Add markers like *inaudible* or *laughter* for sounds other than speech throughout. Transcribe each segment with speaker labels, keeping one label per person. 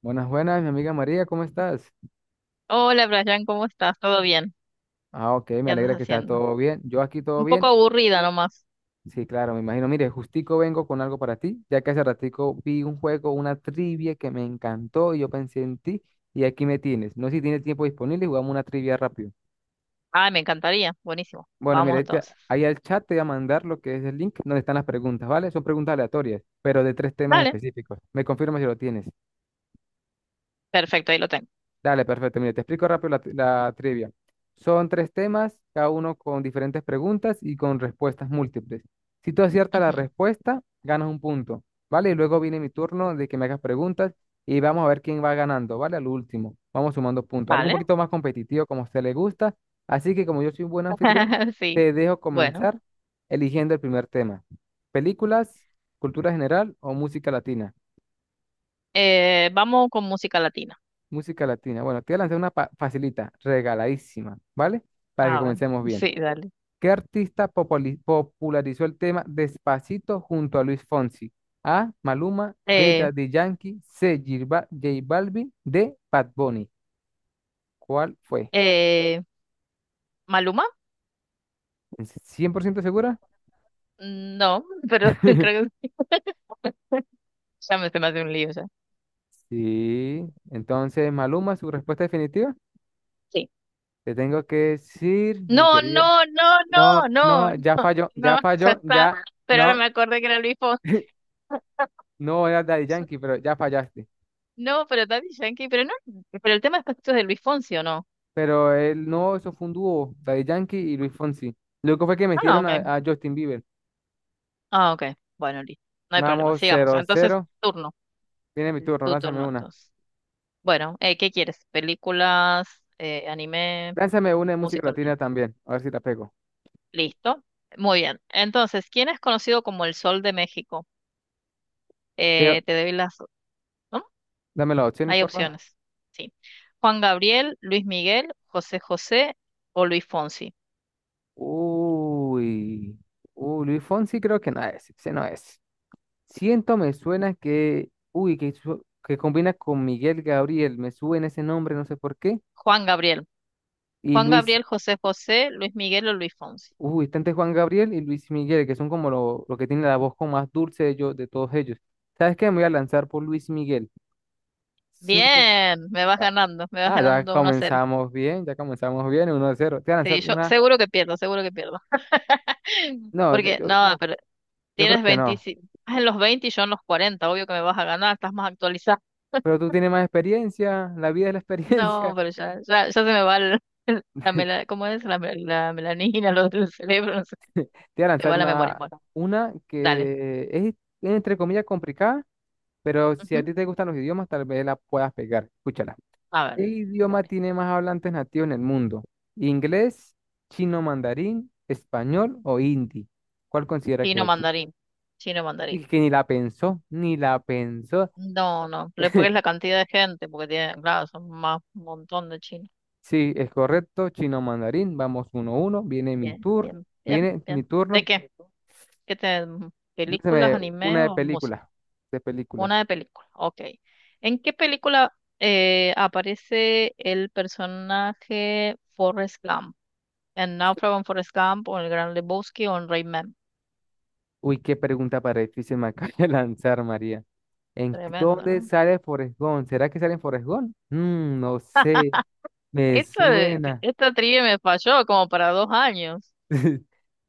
Speaker 1: Buenas, buenas, mi amiga María, ¿cómo estás?
Speaker 2: Hola, Brian, ¿cómo estás? ¿Todo bien?
Speaker 1: Ok, me
Speaker 2: ¿Qué andas
Speaker 1: alegra que estás
Speaker 2: haciendo?
Speaker 1: todo bien. Yo aquí todo
Speaker 2: Un poco
Speaker 1: bien.
Speaker 2: aburrida nomás.
Speaker 1: Sí, claro, me imagino. Mire, justico vengo con algo para ti, ya que hace ratico vi un juego, una trivia que me encantó y yo pensé en ti y aquí me tienes. No sé si tienes tiempo disponible, y jugamos una trivia rápido.
Speaker 2: Ah, me encantaría. Buenísimo.
Speaker 1: Bueno, mira,
Speaker 2: Vamos entonces.
Speaker 1: ahí al chat te voy a mandar lo que es el link donde están las preguntas, ¿vale? Son preguntas aleatorias, pero de tres temas
Speaker 2: Vale.
Speaker 1: específicos. Me confirma si lo tienes.
Speaker 2: Perfecto, ahí lo tengo.
Speaker 1: Dale, perfecto. Mire, te explico rápido la trivia. Son tres temas, cada uno con diferentes preguntas y con respuestas múltiples. Si tú aciertas la
Speaker 2: Ujú.
Speaker 1: respuesta, ganas un punto, ¿vale? Y luego viene mi turno de que me hagas preguntas y vamos a ver quién va ganando, ¿vale? Al último, vamos sumando puntos. Algo un
Speaker 2: Vale.
Speaker 1: poquito más competitivo como a usted le gusta. Así que como yo soy un buen anfitrión,
Speaker 2: *laughs* Sí.
Speaker 1: te dejo
Speaker 2: Bueno,
Speaker 1: comenzar eligiendo el primer tema. ¿Películas, cultura general o música latina?
Speaker 2: vamos con música latina.
Speaker 1: Música latina. Bueno, te voy a lanzar facilita, regaladísima, ¿vale? Para que
Speaker 2: A ver.
Speaker 1: comencemos bien.
Speaker 2: Sí, dale.
Speaker 1: ¿Qué artista popularizó el tema Despacito junto a Luis Fonsi? A. Maluma, B.
Speaker 2: Eh,
Speaker 1: Daddy Yankee, C. J Balvin, D. Bad Bunny. ¿Cuál fue?
Speaker 2: eh, ¿Maluma?
Speaker 1: ¿Cien por ciento segura?
Speaker 2: Mm, no, *laughs* pero *laughs* creo
Speaker 1: *laughs*
Speaker 2: que ya me se me hace un lío ya.
Speaker 1: Sí. Entonces, Maluma, su respuesta definitiva.
Speaker 2: Sí.
Speaker 1: Te tengo que decir, mi
Speaker 2: No,
Speaker 1: querida.
Speaker 2: no, no,
Speaker 1: No,
Speaker 2: no, no,
Speaker 1: no, ya
Speaker 2: *laughs* no,
Speaker 1: falló, ya
Speaker 2: no, ya
Speaker 1: falló,
Speaker 2: está.
Speaker 1: ya.
Speaker 2: Pero ahora
Speaker 1: No,
Speaker 2: me acordé que era Luis Fonsi.
Speaker 1: *laughs* no era Daddy Yankee, pero ya fallaste.
Speaker 2: No, pero Daddy Yankee, pero no, pero el tema es Pastitos de Luis Fonsi, ¿o no?
Speaker 1: Pero él no, eso fue un dúo, Daddy Yankee y Luis Fonsi. Luego fue que
Speaker 2: Ah,
Speaker 1: metieron
Speaker 2: ok.
Speaker 1: a Justin Bieber.
Speaker 2: Ah, ok. Bueno, listo. No hay problema.
Speaker 1: Vamos,
Speaker 2: Sigamos.
Speaker 1: cero
Speaker 2: Entonces,
Speaker 1: cero.
Speaker 2: turno.
Speaker 1: Tiene mi turno,
Speaker 2: Tu
Speaker 1: lánzame
Speaker 2: turno,
Speaker 1: una.
Speaker 2: entonces. Bueno, ¿qué quieres? ¿Películas, anime,
Speaker 1: Lánzame una de música
Speaker 2: música
Speaker 1: latina
Speaker 2: latina?
Speaker 1: también, a ver si la pego.
Speaker 2: Listo. Muy bien. Entonces, ¿quién es conocido como el Sol de México?
Speaker 1: Eh,
Speaker 2: Te doy las... ¿No?
Speaker 1: dame las opciones,
Speaker 2: Hay
Speaker 1: porfa.
Speaker 2: opciones. Sí. Juan Gabriel, Luis Miguel, José José o Luis Fonsi.
Speaker 1: Uy, uy, Luis Fonsi creo que no es, ese no es. Siento me suena que, uy, que, que combina con Miguel Gabriel, me suena ese nombre, no sé por qué.
Speaker 2: Juan Gabriel.
Speaker 1: Y
Speaker 2: Juan
Speaker 1: Luis.
Speaker 2: Gabriel, José José, Luis Miguel o Luis Fonsi.
Speaker 1: Uy, está entre Juan Gabriel y Luis Miguel, que son como los lo que tienen la voz como más dulce de, ellos, de todos ellos. ¿Sabes qué? Me voy a lanzar por Luis Miguel. Siento...
Speaker 2: Bien, me vas
Speaker 1: Ah,
Speaker 2: ganando, me vas
Speaker 1: ah,
Speaker 2: ganando uno a cero.
Speaker 1: ya comenzamos bien, 1 cero. Te voy a lanzar
Speaker 2: Sí, yo
Speaker 1: una...
Speaker 2: seguro que pierdo, seguro que pierdo. *laughs*
Speaker 1: No, yo,
Speaker 2: Porque,
Speaker 1: yo,
Speaker 2: no, pero
Speaker 1: yo creo
Speaker 2: tienes
Speaker 1: que no.
Speaker 2: 25, estás en los 20 y yo en los 40. Obvio que me vas a ganar, estás más actualizado.
Speaker 1: Pero tú tienes más experiencia, la vida es la
Speaker 2: No,
Speaker 1: experiencia. *laughs*
Speaker 2: pero ya se me va ¿cómo es? La melanina, lo del cerebro, no sé,
Speaker 1: Te voy a
Speaker 2: se
Speaker 1: lanzar
Speaker 2: va la memoria.
Speaker 1: una,
Speaker 2: Bueno,
Speaker 1: una
Speaker 2: dale.
Speaker 1: que es, entre comillas, complicada, pero si a ti
Speaker 2: Ujú,
Speaker 1: te gustan los idiomas, tal vez la puedas pegar. Escúchala.
Speaker 2: a ver,
Speaker 1: ¿Qué idioma
Speaker 2: dale.
Speaker 1: tiene más hablantes nativos en el mundo? ¿Inglés, chino mandarín, español o hindi? ¿Cuál considera
Speaker 2: Chino
Speaker 1: que es?
Speaker 2: mandarín, chino mandarín.
Speaker 1: Y que ni la pensó, ni la pensó.
Speaker 2: No, no, pero es porque es
Speaker 1: *laughs*
Speaker 2: la cantidad de gente, porque tiene, claro, son más un montón de chinos.
Speaker 1: Sí, es correcto, chino mandarín. Vamos uno a uno.
Speaker 2: Bien, bien, bien,
Speaker 1: Viene mi
Speaker 2: bien. ¿De
Speaker 1: turno.
Speaker 2: qué? ¿Qué te, ¿películas,
Speaker 1: Lánzame
Speaker 2: anime
Speaker 1: una de
Speaker 2: o
Speaker 1: películas,
Speaker 2: música?
Speaker 1: de películas.
Speaker 2: Una de película, ok. ¿En qué película aparece el personaje Forrest Gump? ¿En Náufrago en Forrest Gump o en El Gran Lebowski o en Rayman?
Speaker 1: Uy, qué pregunta para difícil me *laughs* acaba de lanzar, María. ¿En
Speaker 2: Tremendo,
Speaker 1: dónde
Speaker 2: ¿no?
Speaker 1: sale Forrest Gump? ¿Será que sale en Forrest Gump? Mm, no
Speaker 2: *laughs* Ah,
Speaker 1: sé, me suena.
Speaker 2: esta trivia me falló como para dos años.
Speaker 1: *laughs*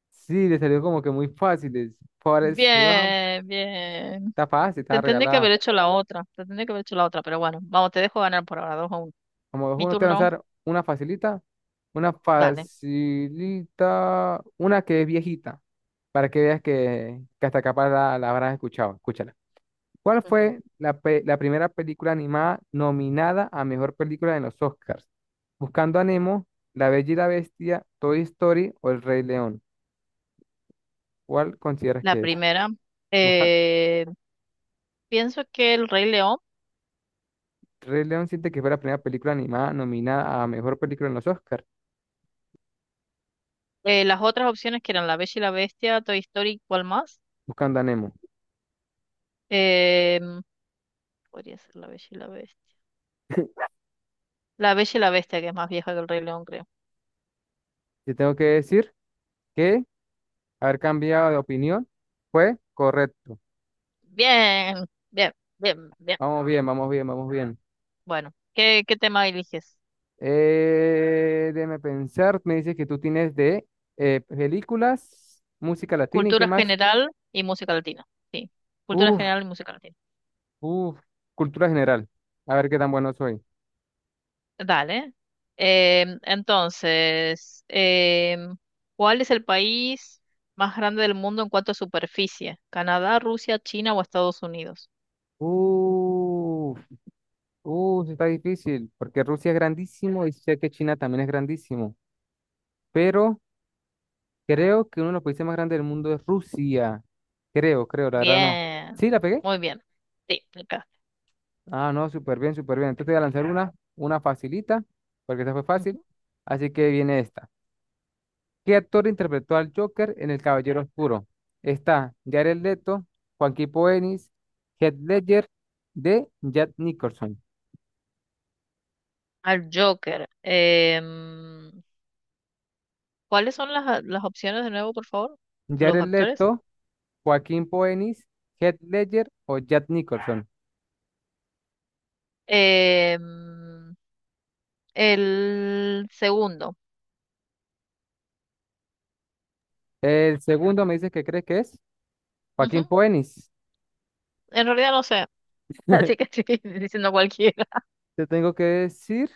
Speaker 1: Sí, le salió como que muy fáciles. Forrest Gump,
Speaker 2: Bien, bien.
Speaker 1: está fácil, está
Speaker 2: Te tendría que
Speaker 1: regalada.
Speaker 2: haber hecho la otra, te tendría que haber hecho la otra, pero bueno, vamos, te dejo ganar por ahora, dos a uno.
Speaker 1: Como dos,
Speaker 2: Mi
Speaker 1: uno, te voy a
Speaker 2: turno,
Speaker 1: lanzar una facilita, una
Speaker 2: dale.
Speaker 1: facilita, una que es viejita, para que veas que hasta capaz la habrás escuchado. Escúchala. ¿Cuál
Speaker 2: Ujú.
Speaker 1: fue la primera película animada nominada a mejor película en los Oscars? Buscando a Nemo, La Bella y la Bestia, Toy Story o El Rey León. ¿Cuál consideras
Speaker 2: La
Speaker 1: que es?
Speaker 2: primera, eh, pienso que El Rey León,
Speaker 1: Rey León siente que fue la primera película animada nominada a mejor película en los Oscars,
Speaker 2: las otras opciones que eran La Bella y la Bestia, Toy Story, ¿cuál más?
Speaker 1: Buscando a Nemo.
Speaker 2: Eh, podría ser La Bella y la Bestia. La Bella y la Bestia, que es más vieja que El Rey León, creo.
Speaker 1: Te tengo que decir que haber cambiado de opinión fue correcto.
Speaker 2: Bien, bien, bien, bien,
Speaker 1: Vamos bien,
Speaker 2: bien.
Speaker 1: vamos bien, vamos bien.
Speaker 2: Bueno, ¿qué tema eliges?
Speaker 1: Déjame pensar, me dice que tú tienes de películas, música latina y qué
Speaker 2: Cultura
Speaker 1: más.
Speaker 2: general y música latina. Sí, cultura
Speaker 1: Uf,
Speaker 2: general y música latina.
Speaker 1: uf, cultura general. A ver qué tan bueno soy.
Speaker 2: Dale. Entonces, ¿cuál es el país más grande del mundo en cuanto a superficie? ¿Canadá, Rusia, China o Estados Unidos?
Speaker 1: Uf, uf, está difícil, porque Rusia es grandísimo y sé que China también es grandísimo, pero... Creo que uno de los países más grandes del mundo es Rusia. Creo, creo, la verdad no.
Speaker 2: Bien,
Speaker 1: ¿Sí la pegué?
Speaker 2: muy bien. Sí, acá.
Speaker 1: Ah, no, súper bien, súper bien. Entonces te voy a lanzar una facilita, porque esta fue fácil.
Speaker 2: Ujú.
Speaker 1: Así que viene esta. ¿Qué actor interpretó al Joker en El Caballero Oscuro? Está Jared Leto, Joaquín Phoenix, Heath Ledger de Jack Nicholson.
Speaker 2: Al Joker. Em, las opciones de nuevo, por favor? Los
Speaker 1: Jared
Speaker 2: actores.
Speaker 1: Leto, Joaquín Phoenix, Heath Ledger o Jack Nicholson.
Speaker 2: Em, el segundo.
Speaker 1: El segundo me dice que crees que es Joaquín
Speaker 2: Ujú.
Speaker 1: Phoenix.
Speaker 2: En realidad no sé, *laughs* así que estoy diciendo cualquiera.
Speaker 1: Te tengo que decir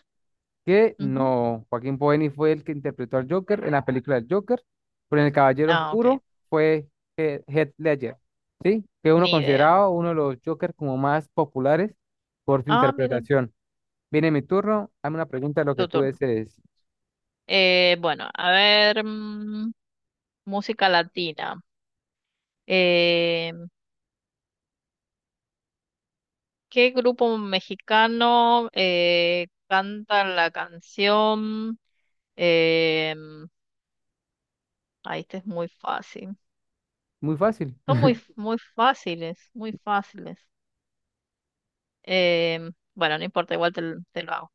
Speaker 1: que
Speaker 2: Ujú.
Speaker 1: no, Joaquín Phoenix fue el que interpretó al Joker en la película del Joker, pero en El Caballero
Speaker 2: Ah, ok.
Speaker 1: Oscuro fue Heath Ledger, ¿sí? Que uno
Speaker 2: Ni idea.
Speaker 1: considerado uno de los Jokers como más populares por su
Speaker 2: Ah, mira,
Speaker 1: interpretación. Viene mi turno, hazme una pregunta de lo que
Speaker 2: tu
Speaker 1: tú
Speaker 2: turno.
Speaker 1: desees.
Speaker 2: Bueno, a ver, mm, música latina. Eh, ¿Qué grupo mexicano canta la canción? Eh, ahí este es muy fácil.
Speaker 1: Muy fácil.
Speaker 2: Son
Speaker 1: *laughs*
Speaker 2: muy fáciles. Eh, bueno, no importa, te lo hago.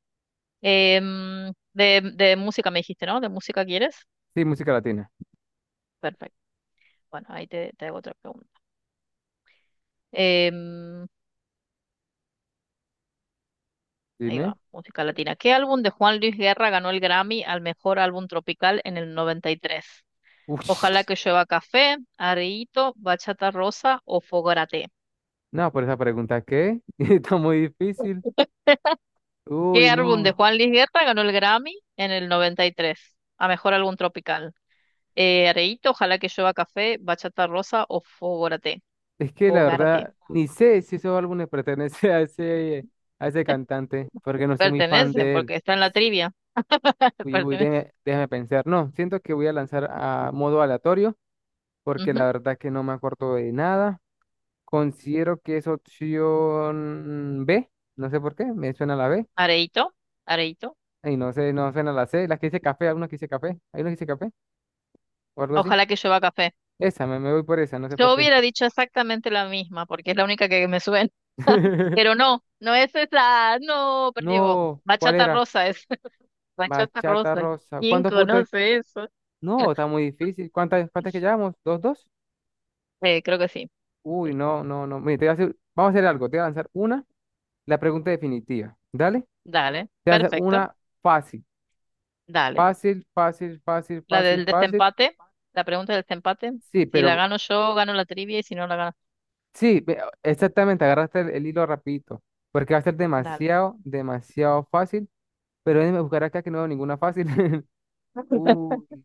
Speaker 2: Mm, de música me dijiste, ¿no? ¿De música quieres?
Speaker 1: Sí, música latina.
Speaker 2: Perfecto. Bueno, te hago otra pregunta. Eh, Ahí
Speaker 1: Dime.
Speaker 2: va, música latina. ¿Qué álbum de Juan Luis Guerra ganó el Grammy al mejor álbum tropical en el 93?
Speaker 1: Uy, *laughs*
Speaker 2: Ojalá que llueva café, Arreíto, Bachata Rosa o Fogarate.
Speaker 1: no, por esa pregunta, ¿qué? *laughs* Está muy difícil.
Speaker 2: ¿Qué
Speaker 1: Uy,
Speaker 2: álbum
Speaker 1: no.
Speaker 2: de Juan Luis Guerra ganó el Grammy en el 93 a mejor álbum tropical? Areíto, Ojalá que llueva café, Bachata Rosa o Fogarate.
Speaker 1: Es que la
Speaker 2: Fogarate.
Speaker 1: verdad, ni sé si esos álbumes pertenecen *laughs* a ese cantante, porque no soy muy fan
Speaker 2: Pertenecen,
Speaker 1: de él.
Speaker 2: porque está en la trivia. *laughs*
Speaker 1: Uy, uy,
Speaker 2: Pertenecen.
Speaker 1: déjame pensar. No, siento que voy a lanzar a modo aleatorio porque la
Speaker 2: Ujú.
Speaker 1: verdad que no me acuerdo de nada. Considero que es opción B. No sé por qué, me suena la B.
Speaker 2: Areíto, Areíto.
Speaker 1: Y no sé, no suena la C. La que dice café, alguna que dice café. Hay una que dice café o algo así.
Speaker 2: Ojalá que llueva café.
Speaker 1: Esa, me voy por esa, no sé por
Speaker 2: Yo
Speaker 1: qué.
Speaker 2: hubiera dicho exactamente la misma, porque es la única que me suena. Pero
Speaker 1: *laughs*
Speaker 2: no, no es esa, no, perdió.
Speaker 1: No, ¿cuál
Speaker 2: Bachata
Speaker 1: era?
Speaker 2: rosa es, *laughs* bachata
Speaker 1: Bachata
Speaker 2: rosa.
Speaker 1: rosa.
Speaker 2: ¿Quién
Speaker 1: ¿Cuántos puntos es?
Speaker 2: conoce eso?
Speaker 1: No, está muy difícil. ¿Cuántas, cuántas que llevamos? ¿Dos, dos?
Speaker 2: Creo que sí. Sí.
Speaker 1: Uy, no, no, no. Mire, te voy a hacer- vamos a hacer algo. Te voy a lanzar una, la pregunta definitiva. Dale.
Speaker 2: Dale,
Speaker 1: Te voy a hacer
Speaker 2: perfecto,
Speaker 1: una fácil,
Speaker 2: dale.
Speaker 1: fácil, fácil, fácil,
Speaker 2: La
Speaker 1: fácil,
Speaker 2: del
Speaker 1: fácil.
Speaker 2: desempate, la pregunta del desempate.
Speaker 1: Sí,
Speaker 2: Si la
Speaker 1: pero
Speaker 2: gano yo, gano la trivia y si no la gano,
Speaker 1: sí, ve- exactamente, agarraste el hilo rapidito, porque va a ser
Speaker 2: dale.
Speaker 1: demasiado, demasiado fácil, pero déjame buscar acá que no veo ninguna fácil. *laughs* Uy,
Speaker 2: *laughs*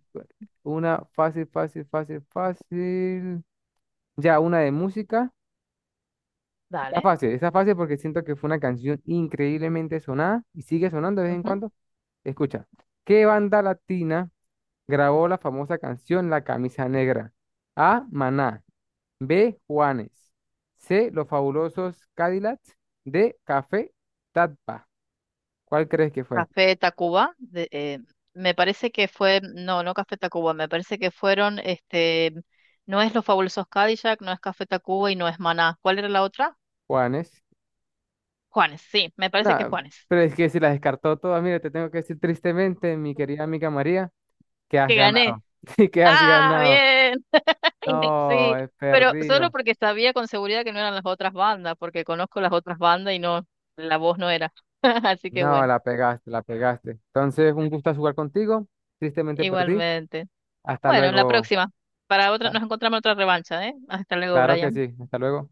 Speaker 1: una fácil, fácil, fácil, fácil. Ya, una de música.
Speaker 2: Dale.
Speaker 1: Está fácil porque siento que fue una canción increíblemente sonada y sigue sonando de vez en
Speaker 2: Ujú.
Speaker 1: cuando. Escucha, ¿qué banda latina grabó la famosa canción La Camisa Negra? A. Maná. B. Juanes. C. Los Fabulosos Cadillacs. D. Café Tatpa. ¿Cuál crees que fue?
Speaker 2: Café Tacuba, de- eh, me parece que fue, no, no Café Tacuba, me parece que fueron, este, no es Los Fabulosos Cadillac, no es Café Tacuba y no es Maná. ¿Cuál era la otra?
Speaker 1: Juanes.
Speaker 2: Juanes, sí, me parece que
Speaker 1: No,
Speaker 2: Juanes.
Speaker 1: pero es que si la descartó todas, mira, te tengo que decir tristemente, mi querida amiga María, que has
Speaker 2: Que gané.
Speaker 1: ganado. *laughs* Sí, que has
Speaker 2: Ah,
Speaker 1: ganado.
Speaker 2: bien. *laughs*
Speaker 1: No,
Speaker 2: Sí,
Speaker 1: he
Speaker 2: pero solo
Speaker 1: perdido.
Speaker 2: porque sabía con seguridad que no eran las otras bandas, porque conozco las otras bandas y no, la voz no era. *laughs* Así que
Speaker 1: No,
Speaker 2: bueno,
Speaker 1: la pegaste, la pegaste. Entonces, un gusto jugar contigo. Tristemente perdí.
Speaker 2: igualmente.
Speaker 1: Hasta
Speaker 2: Bueno, la
Speaker 1: luego.
Speaker 2: próxima. Para otra,
Speaker 1: Ah,
Speaker 2: nos encontramos en otra revancha, ¿eh? Hasta luego,
Speaker 1: claro que
Speaker 2: Brian.
Speaker 1: sí. Hasta luego.